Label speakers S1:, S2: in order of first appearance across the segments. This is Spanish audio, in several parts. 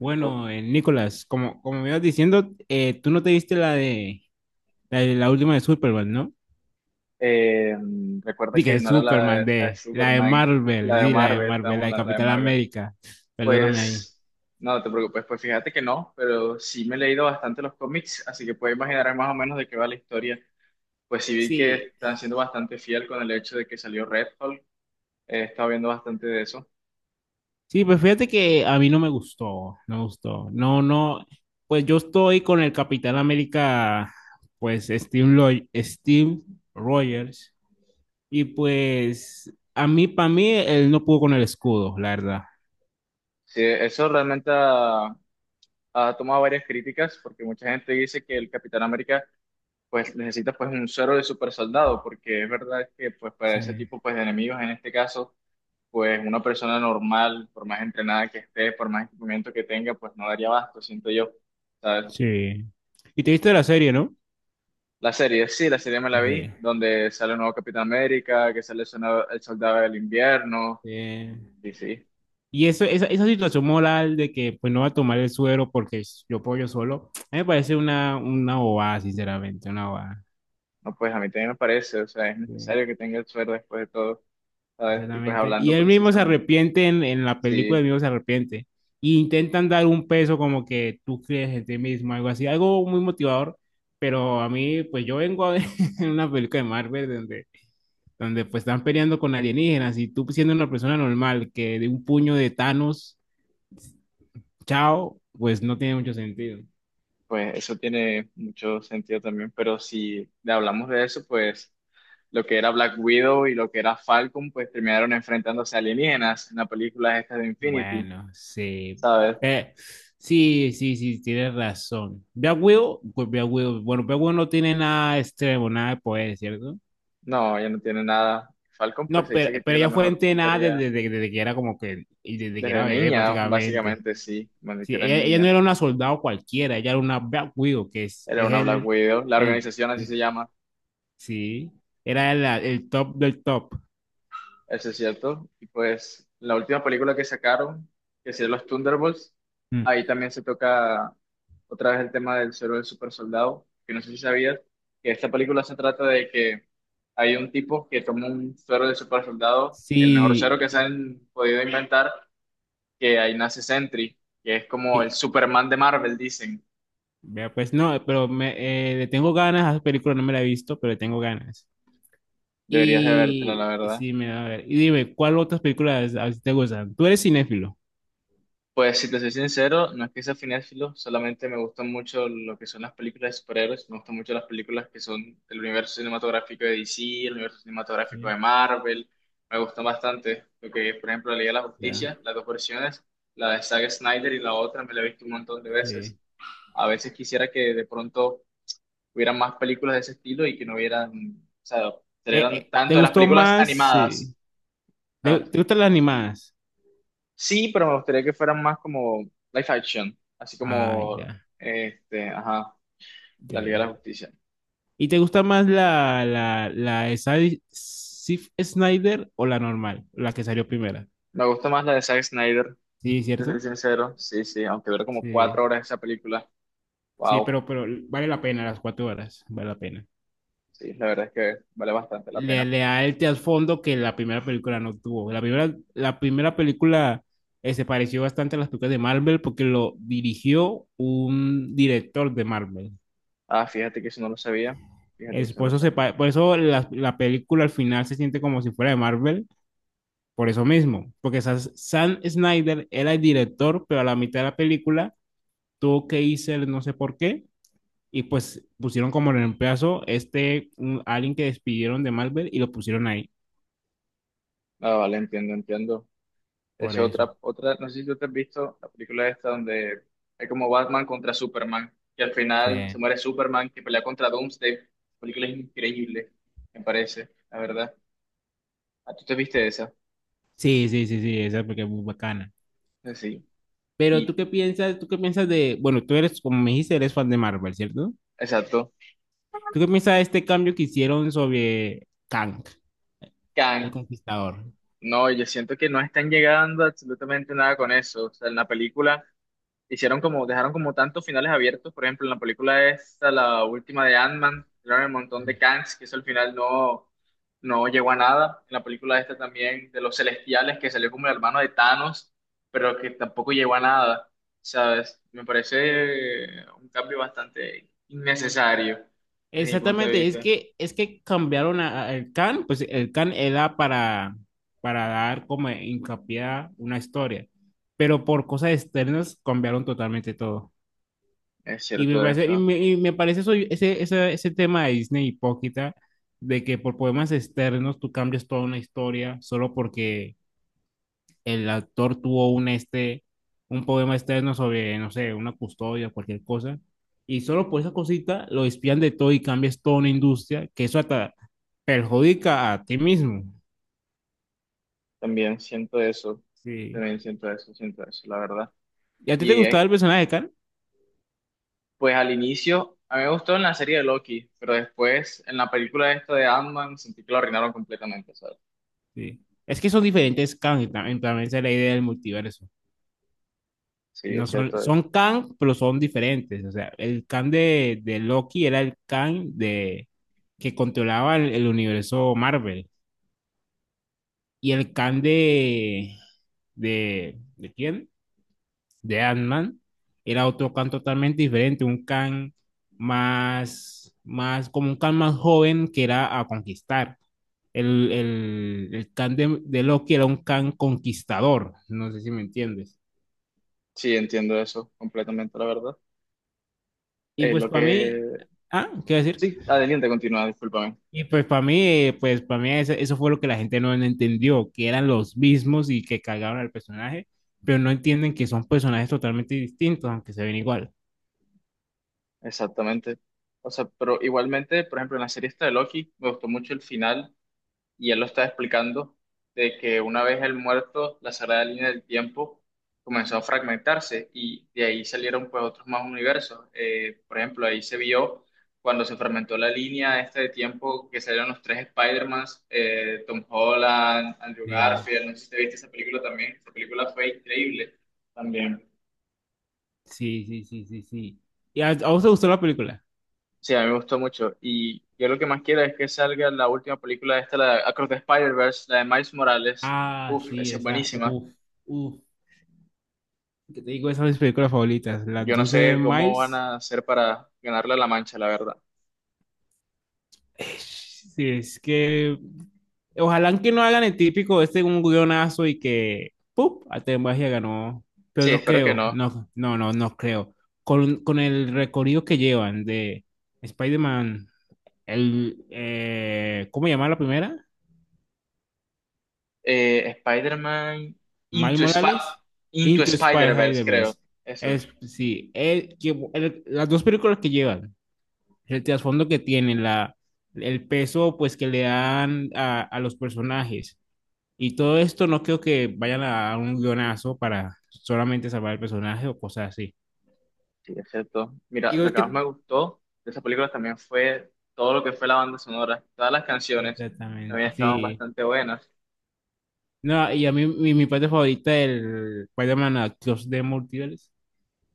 S1: Perfecto.
S2: Nicolás, como me ibas diciendo, tú no te viste de la última de Superman, ¿no?
S1: Eh, Recuerda
S2: Dije
S1: que
S2: de
S1: no era
S2: Superman,
S1: la de
S2: de la de
S1: Superman, la
S2: Marvel,
S1: de
S2: sí, la de
S1: Marvel,
S2: Marvel, la
S1: estamos
S2: de
S1: la de
S2: Capital
S1: Marvel.
S2: América. Perdóname ahí.
S1: Pues no te preocupes, pues fíjate que no, pero sí me he leído bastante los cómics, así que puedes imaginar más o menos de qué va la historia. Pues sí vi que
S2: Sí,
S1: están siendo bastante fiel con el hecho de que salió Red Hulk, he estado viendo bastante de eso.
S2: sí, pues fíjate que a mí no me gustó, no me gustó. No, no, pues yo estoy con el Capitán América, pues Steve, Steve Rogers, y pues a mí, para mí, él no pudo con el escudo, la verdad.
S1: Sí, ha tomado varias críticas, porque mucha gente dice que el Capitán América pues necesitas pues un suero de super soldado, porque es verdad que pues para
S2: Sí.
S1: ese tipo pues de enemigos en este caso, pues una persona normal, por más entrenada que esté, por más equipamiento que tenga, pues no daría abasto, siento yo, ¿sabes?
S2: Sí. Y te viste la serie, ¿no?
S1: La serie, sí, la serie me la
S2: Ok.
S1: vi, donde sale un nuevo Capitán América, que sale el soldado del invierno,
S2: Eh,
S1: y sí,
S2: esa situación moral de que pues no va a tomar el suero porque yo puedo yo solo, a mí me parece una bobada, sinceramente, una bobada.
S1: no, pues a mí también me parece, o sea, es
S2: Sí,
S1: necesario que tenga el suero después de todo, ¿sabes? Y pues
S2: exactamente. Y
S1: hablando
S2: él mismo se
S1: precisamente,
S2: arrepiente en la película,
S1: sí,
S2: él mismo se arrepiente. Y intentan dar un peso como que tú crees en ti mismo, algo así, algo muy motivador. Pero a mí, pues yo vengo de una película de Marvel donde pues están peleando con alienígenas y tú siendo una persona normal que de un puño de Thanos Chao, pues no tiene mucho sentido.
S1: pues eso tiene mucho sentido también, pero si hablamos de eso, pues lo que era Black Widow y lo que era Falcon, pues terminaron enfrentándose a alienígenas en la película esta de Infinity,
S2: Bueno, sí.
S1: ¿sabes?
S2: Eh, sí, sí, sí, tienes razón. Black Widow, pues Black Widow, bueno, Black Widow no tiene nada extremo, nada de poder, ¿cierto?
S1: No, ella no tiene nada. Falcon, pues
S2: No,
S1: se
S2: pero,
S1: dice que
S2: pero
S1: tiene la
S2: ella fue
S1: mejor
S2: entrenada
S1: puntería
S2: desde, desde que era como que, y desde que
S1: desde
S2: era bebé
S1: niña,
S2: prácticamente.
S1: básicamente, sí, cuando que
S2: Sí,
S1: eran
S2: ella no
S1: niñas.
S2: era una soldado cualquiera, ella era una Black Widow, que es,
S1: Era
S2: es
S1: una Black
S2: el,
S1: Widow, la
S2: el,
S1: organización así se llama.
S2: sí, era el top del top.
S1: Eso es cierto. Y pues la última película que sacaron, que es Los Thunderbolts,
S2: Mm.
S1: ahí también se toca otra vez el tema del suero del super soldado, que no sé si sabías, que esta película se trata de que hay un tipo que toma un suero del super soldado, el mejor suero que se
S2: Sí,
S1: han podido inventar, que ahí nace Sentry, que es como el
S2: y-
S1: Superman de Marvel, dicen.
S2: Vea, pues no, pero le tengo ganas a esa película, no me la he visto, pero le tengo ganas.
S1: Deberías de vértela, la
S2: Y
S1: verdad.
S2: sí, me da a ver. Y dime, ¿cuál otras películas a ti te gustan? Tú eres cinéfilo.
S1: Pues si te soy sincero, no es que sea cinéfilo, solamente me gustan mucho lo que son las películas de superhéroes, me gustan mucho las películas que son del universo cinematográfico de DC, el universo cinematográfico
S2: Sí,
S1: de Marvel, me gustan bastante lo que, por ejemplo, la Liga de la
S2: ya,
S1: Justicia, las dos versiones, la de Zack Snyder y la otra me la he visto un montón de veces.
S2: sí.
S1: A veces quisiera que de pronto hubieran más películas de ese estilo y que no hubieran, o sea,
S2: Eh,
S1: salieran
S2: eh, ¿te
S1: tanto de las
S2: gustó
S1: películas
S2: más? Sí.
S1: animadas,
S2: ¿Te,
S1: ¿sabes?
S2: te gustan las animadas?
S1: Sí, pero me gustaría que fueran más como live action, así
S2: Ah,
S1: como,
S2: ya,
S1: este, ajá, la
S2: ya,
S1: Liga de la
S2: ya.
S1: Justicia.
S2: ¿Y te gusta más la de Zack Snyder o la normal, la que salió primera?
S1: Me gusta más la de Zack Snyder,
S2: Sí,
S1: te soy
S2: ¿cierto?
S1: sincero, sí, sí, aunque duró como
S2: Sí,
S1: cuatro horas esa película,
S2: sí,
S1: wow,
S2: pero vale la pena las 4 horas, vale la pena.
S1: sí, la verdad es que vale bastante la
S2: le,
S1: pena.
S2: le da el trasfondo que la primera película no tuvo. La primera película se pareció bastante a las películas de Marvel porque lo dirigió un director de Marvel.
S1: Ah, fíjate que eso no lo sabía, fíjate que
S2: Es,
S1: eso no
S2: por
S1: lo
S2: eso, se,
S1: sabía.
S2: pa- por eso la película al final se siente como si fuera de Marvel, por eso mismo, porque Sam Snyder era el director, pero a la mitad de la película tuvo que irse, el no sé por qué, y pues pusieron como reemplazo alguien que despidieron de Marvel y lo pusieron ahí,
S1: Ah, vale, entiendo, entiendo.
S2: por eso.
S1: No sé si tú te has visto la película esta donde hay como Batman contra Superman, que al
S2: Sí.
S1: final se muere Superman, que pelea contra Doomsday. La película es increíble, me parece, la verdad. ¿A tú te viste esa?
S2: Sí, sí, sí, sí, esa porque es muy bacana.
S1: Sí.
S2: Pero tú
S1: Y
S2: qué piensas, tú qué piensas de, bueno, tú eres, como me dijiste, eres fan de Marvel, ¿cierto?
S1: exacto.
S2: ¿Tú qué piensas de este cambio que hicieron sobre Kang, el
S1: Kang.
S2: Conquistador?
S1: No, yo siento que no están llegando absolutamente nada con eso. O sea, en la película hicieron como, dejaron como tantos finales abiertos. Por ejemplo, en la película esta, la última de Ant-Man, tiraron el montón de Kangs, que eso al final no llegó a nada. En la película esta también de los Celestiales, que salió como el hermano de Thanos, pero que tampoco llegó a nada. ¿Sabes? Me parece un cambio bastante innecesario desde mi punto de
S2: Exactamente, es
S1: vista.
S2: que, es que cambiaron el Kang, pues el Kang era para dar como hincapié a una historia, pero por cosas externas cambiaron totalmente todo.
S1: Es
S2: Y
S1: cierto
S2: me parece, y
S1: eso.
S2: me, y me parece eso, ese tema de Disney hipócrita, de que por poemas externos tú cambias toda una historia solo porque el autor tuvo un poema externo sobre, no sé, una custodia, cualquier cosa, y solo por esa cosita lo espían de todo y cambias toda una industria, que eso hasta perjudica a ti mismo.
S1: También siento eso.
S2: Sí.
S1: También siento eso, la verdad.
S2: ¿Y a ti te
S1: Y
S2: gustaba el
S1: es
S2: personaje de Khan?
S1: pues al inicio, a mí me gustó en la serie de Loki, pero después en la película esta de Ant-Man sentí que lo arruinaron completamente, ¿sabes?
S2: Sí. Es que son diferentes Khan, y también esa es la idea del multiverso.
S1: Sí,
S2: No
S1: es
S2: son,
S1: cierto.
S2: son Kang, pero son diferentes. O sea, el Kang de, de, Loki era el Kang que controlaba el universo Marvel. Y el Kang de, ¿de quién? De Ant-Man era otro Kang totalmente diferente, un Kang más, como un Kang más joven que era a conquistar. El Kang de Loki era un Kang conquistador, no sé si me entiendes.
S1: Sí, entiendo eso completamente, la verdad.
S2: Y
S1: Eh,
S2: pues
S1: lo
S2: para mí,
S1: que...
S2: ¿qué iba a decir?
S1: Sí, adelante, continúa, discúlpame.
S2: Y pues para mí eso fue lo que la gente no entendió, que eran los mismos y que cagaron al personaje, pero no entienden que son personajes totalmente distintos, aunque se ven igual.
S1: Exactamente. O sea, pero igualmente, por ejemplo, en la serie esta de Loki, me gustó mucho el final y él lo está explicando de que una vez el muerto, la sagrada línea del tiempo comenzó a fragmentarse y de ahí salieron pues otros más universos. Por ejemplo, ahí se vio cuando se fragmentó la línea esta de tiempo que salieron los tres Spider-Mans, Tom Holland, Andrew
S2: Sí,
S1: Garfield, no sé si te viste esa película también, esa película fue increíble también.
S2: sí, sí, sí, sí, sí. ¿Y a vos te gustó la película?
S1: Sí, a mí me gustó mucho. Y yo lo que más quiero es que salga la última película esta, la de Across the Spider-Verse, la de Miles Morales.
S2: Ah,
S1: Uf,
S2: sí,
S1: esa es
S2: esa,
S1: buenísima.
S2: uff, uff, que te digo, esas son mis películas favoritas, las
S1: Yo no
S2: dos de
S1: sé cómo van
S2: Miles.
S1: a hacer para ganarle a la Mancha, la verdad.
S2: Sí, es que ojalá que no hagan el típico un guionazo y que ¡pum! Arte Magia ganó. Pero
S1: Sí,
S2: no
S1: espero que
S2: creo,
S1: no.
S2: no, no, no, no creo. Con el recorrido que llevan de Spider-Man, ¿cómo se llama la primera?
S1: Eh, Spider-Man
S2: Miles
S1: Into, Spi-
S2: Morales,
S1: Into
S2: Into
S1: Spider-Verse, creo.
S2: Spider-Verse.
S1: Eso.
S2: Sí, las dos películas que llevan, el trasfondo que tienen, el peso pues que le dan a los personajes. Y todo esto no creo que vayan a un guionazo para solamente salvar el personaje o cosas así.
S1: Sí, excepto. Mira, lo
S2: Igual
S1: que más me
S2: que
S1: gustó de esa película también fue todo lo que fue la banda sonora. Todas las canciones también
S2: Exactamente,
S1: estaban
S2: sí.
S1: bastante buenas.
S2: No, y a mí mi parte favorita del Spider-Man Across the Multiverse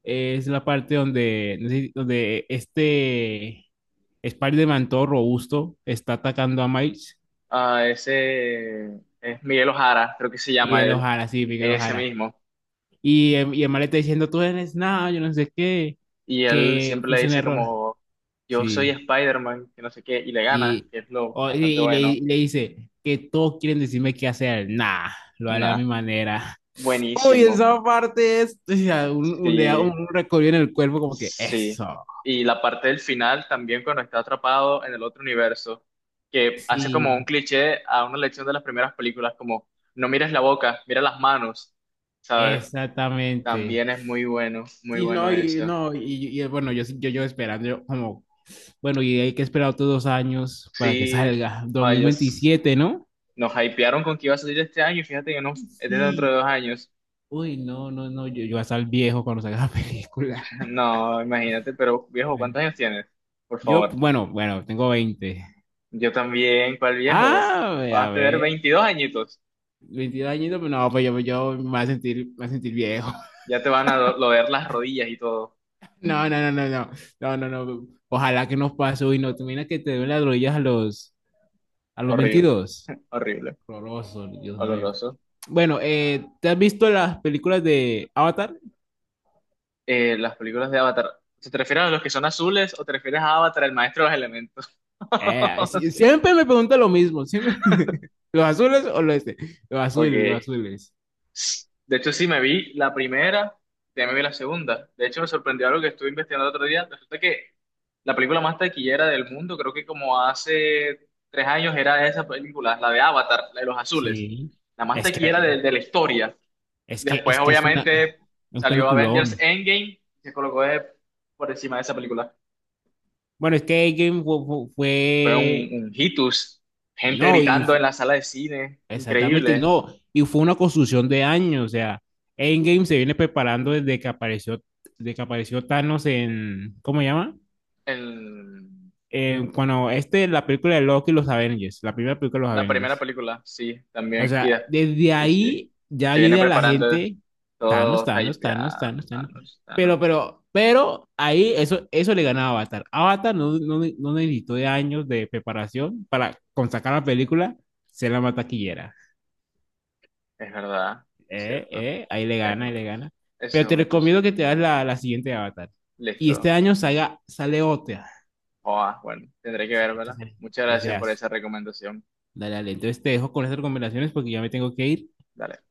S2: es la parte donde, no sé, donde este Spider-Man todo robusto está atacando a Miles.
S1: Ah, ese es Miguel Ojara, creo que se llama
S2: Miguel
S1: él,
S2: O'Hara, sí, Miguel
S1: ese
S2: O'Hara.
S1: mismo.
S2: Y el mal está diciendo, tú eres nada, yo no sé qué,
S1: Y él
S2: que
S1: siempre le
S2: fuiste un
S1: dice
S2: error.
S1: como, yo soy
S2: Sí,
S1: Spider-Man, que no sé qué, y le gana,
S2: Y,
S1: que es lo
S2: o- y,
S1: bastante
S2: y le,
S1: bueno.
S2: y le dice que todos quieren decirme qué hacer. Nah, lo haré a
S1: Nah,
S2: mi manera. Uy,
S1: buenísimo.
S2: esa parte es, o sea, le da
S1: Sí,
S2: un recorrido en el cuerpo como que
S1: sí.
S2: eso.
S1: Y la parte del final también cuando está atrapado en el otro universo, que hace como un
S2: Sí,
S1: cliché a una lección de las primeras películas, como no mires la boca, mira las manos, ¿sabes?
S2: exactamente.
S1: También es muy bueno, muy
S2: Sí, no,
S1: bueno
S2: y
S1: eso.
S2: no, bueno, yo esperando, bueno, y hay que esperar otros 2 años para que
S1: Sí,
S2: salga, dos
S1: ay,
S2: mil
S1: Dios.
S2: veintisiete ¿no?
S1: Nos hypearon con que iba a salir este año y fíjate que no, es de dentro de
S2: Sí,
S1: dos años.
S2: uy, no, no, no, yo voy a estar viejo cuando salga la película.
S1: No, imagínate, pero viejo,
S2: Bueno,
S1: ¿cuántos años tienes? Por
S2: yo,
S1: favor.
S2: bueno, bueno, tengo 20.
S1: Yo también, ¿cuál viejo?
S2: Ah,
S1: Vas
S2: a
S1: a tener
S2: ver,
S1: 22 añitos.
S2: 22 añitos, pues no, pues yo me voy a sentir viejo.
S1: Ya te van a doler las rodillas y todo.
S2: No, no, no, no, no, no, no, no. Ojalá que nos pase hoy, no, te imaginas que te den las rodillas a los,
S1: Horrible,
S2: 22.
S1: horrible,
S2: Horroroso, Dios mío.
S1: oloroso.
S2: Bueno, ¿te has visto las películas de Avatar?
S1: Las películas de Avatar, ¿se te refieres a los que son azules o te refieres a Avatar, el maestro de los elementos?
S2: Siempre me pregunta lo mismo, siempre. ¿Los azules o los este? Los azules, los
S1: Ok.
S2: azules.
S1: De hecho, sí me vi la primera, ya me vi la segunda. De hecho, me sorprendió algo que estuve investigando el otro día. Resulta que la película más taquillera del mundo, creo que como hace tres años era esa película, la de Avatar, la de los azules.
S2: Sí,
S1: La más
S2: es
S1: taquillera
S2: que,
S1: de la historia.
S2: es que,
S1: Después,
S2: es que es una,
S1: obviamente,
S2: un
S1: salió Avengers
S2: peliculón.
S1: Endgame y se colocó por encima de esa película.
S2: Bueno, es que Game
S1: Fue
S2: fue.
S1: un hitus. Gente
S2: No, y
S1: gritando en la sala de cine.
S2: exactamente, y
S1: Increíble.
S2: no, y fue una construcción de años, o sea, Endgame se viene preparando desde que apareció Thanos en, ¿cómo se llama?
S1: El,
S2: Cuando la película de Loki y los Avengers, la primera película de los
S1: La primera
S2: Avengers.
S1: película, sí,
S2: O
S1: también.
S2: sea, desde
S1: Sí, sí.
S2: ahí ya
S1: Se viene
S2: viene a la
S1: preparando
S2: gente, Thanos,
S1: todo
S2: Thanos, Thanos,
S1: hypeado.
S2: Thanos, Thanos.
S1: Thanos, Thanos.
S2: Pero ahí eso, le ganaba a Avatar. Avatar no, no, no necesitó de años de preparación para con sacar la película, ser la más taquillera.
S1: Es verdad, es cierto.
S2: Ahí le
S1: Es,
S2: gana, ahí le gana.
S1: ese
S2: Pero
S1: es
S2: te
S1: un
S2: recomiendo que
S1: touché.
S2: te hagas la siguiente de Avatar. Y este
S1: Listo.
S2: año salga, sale otra.
S1: Joa, bueno, tendré que vérmela. Muchas
S2: Ese
S1: gracias por
S2: as.
S1: esa recomendación.
S2: Dale, dale. Entonces te dejo con esas recomendaciones porque ya me tengo que ir.
S1: Dale.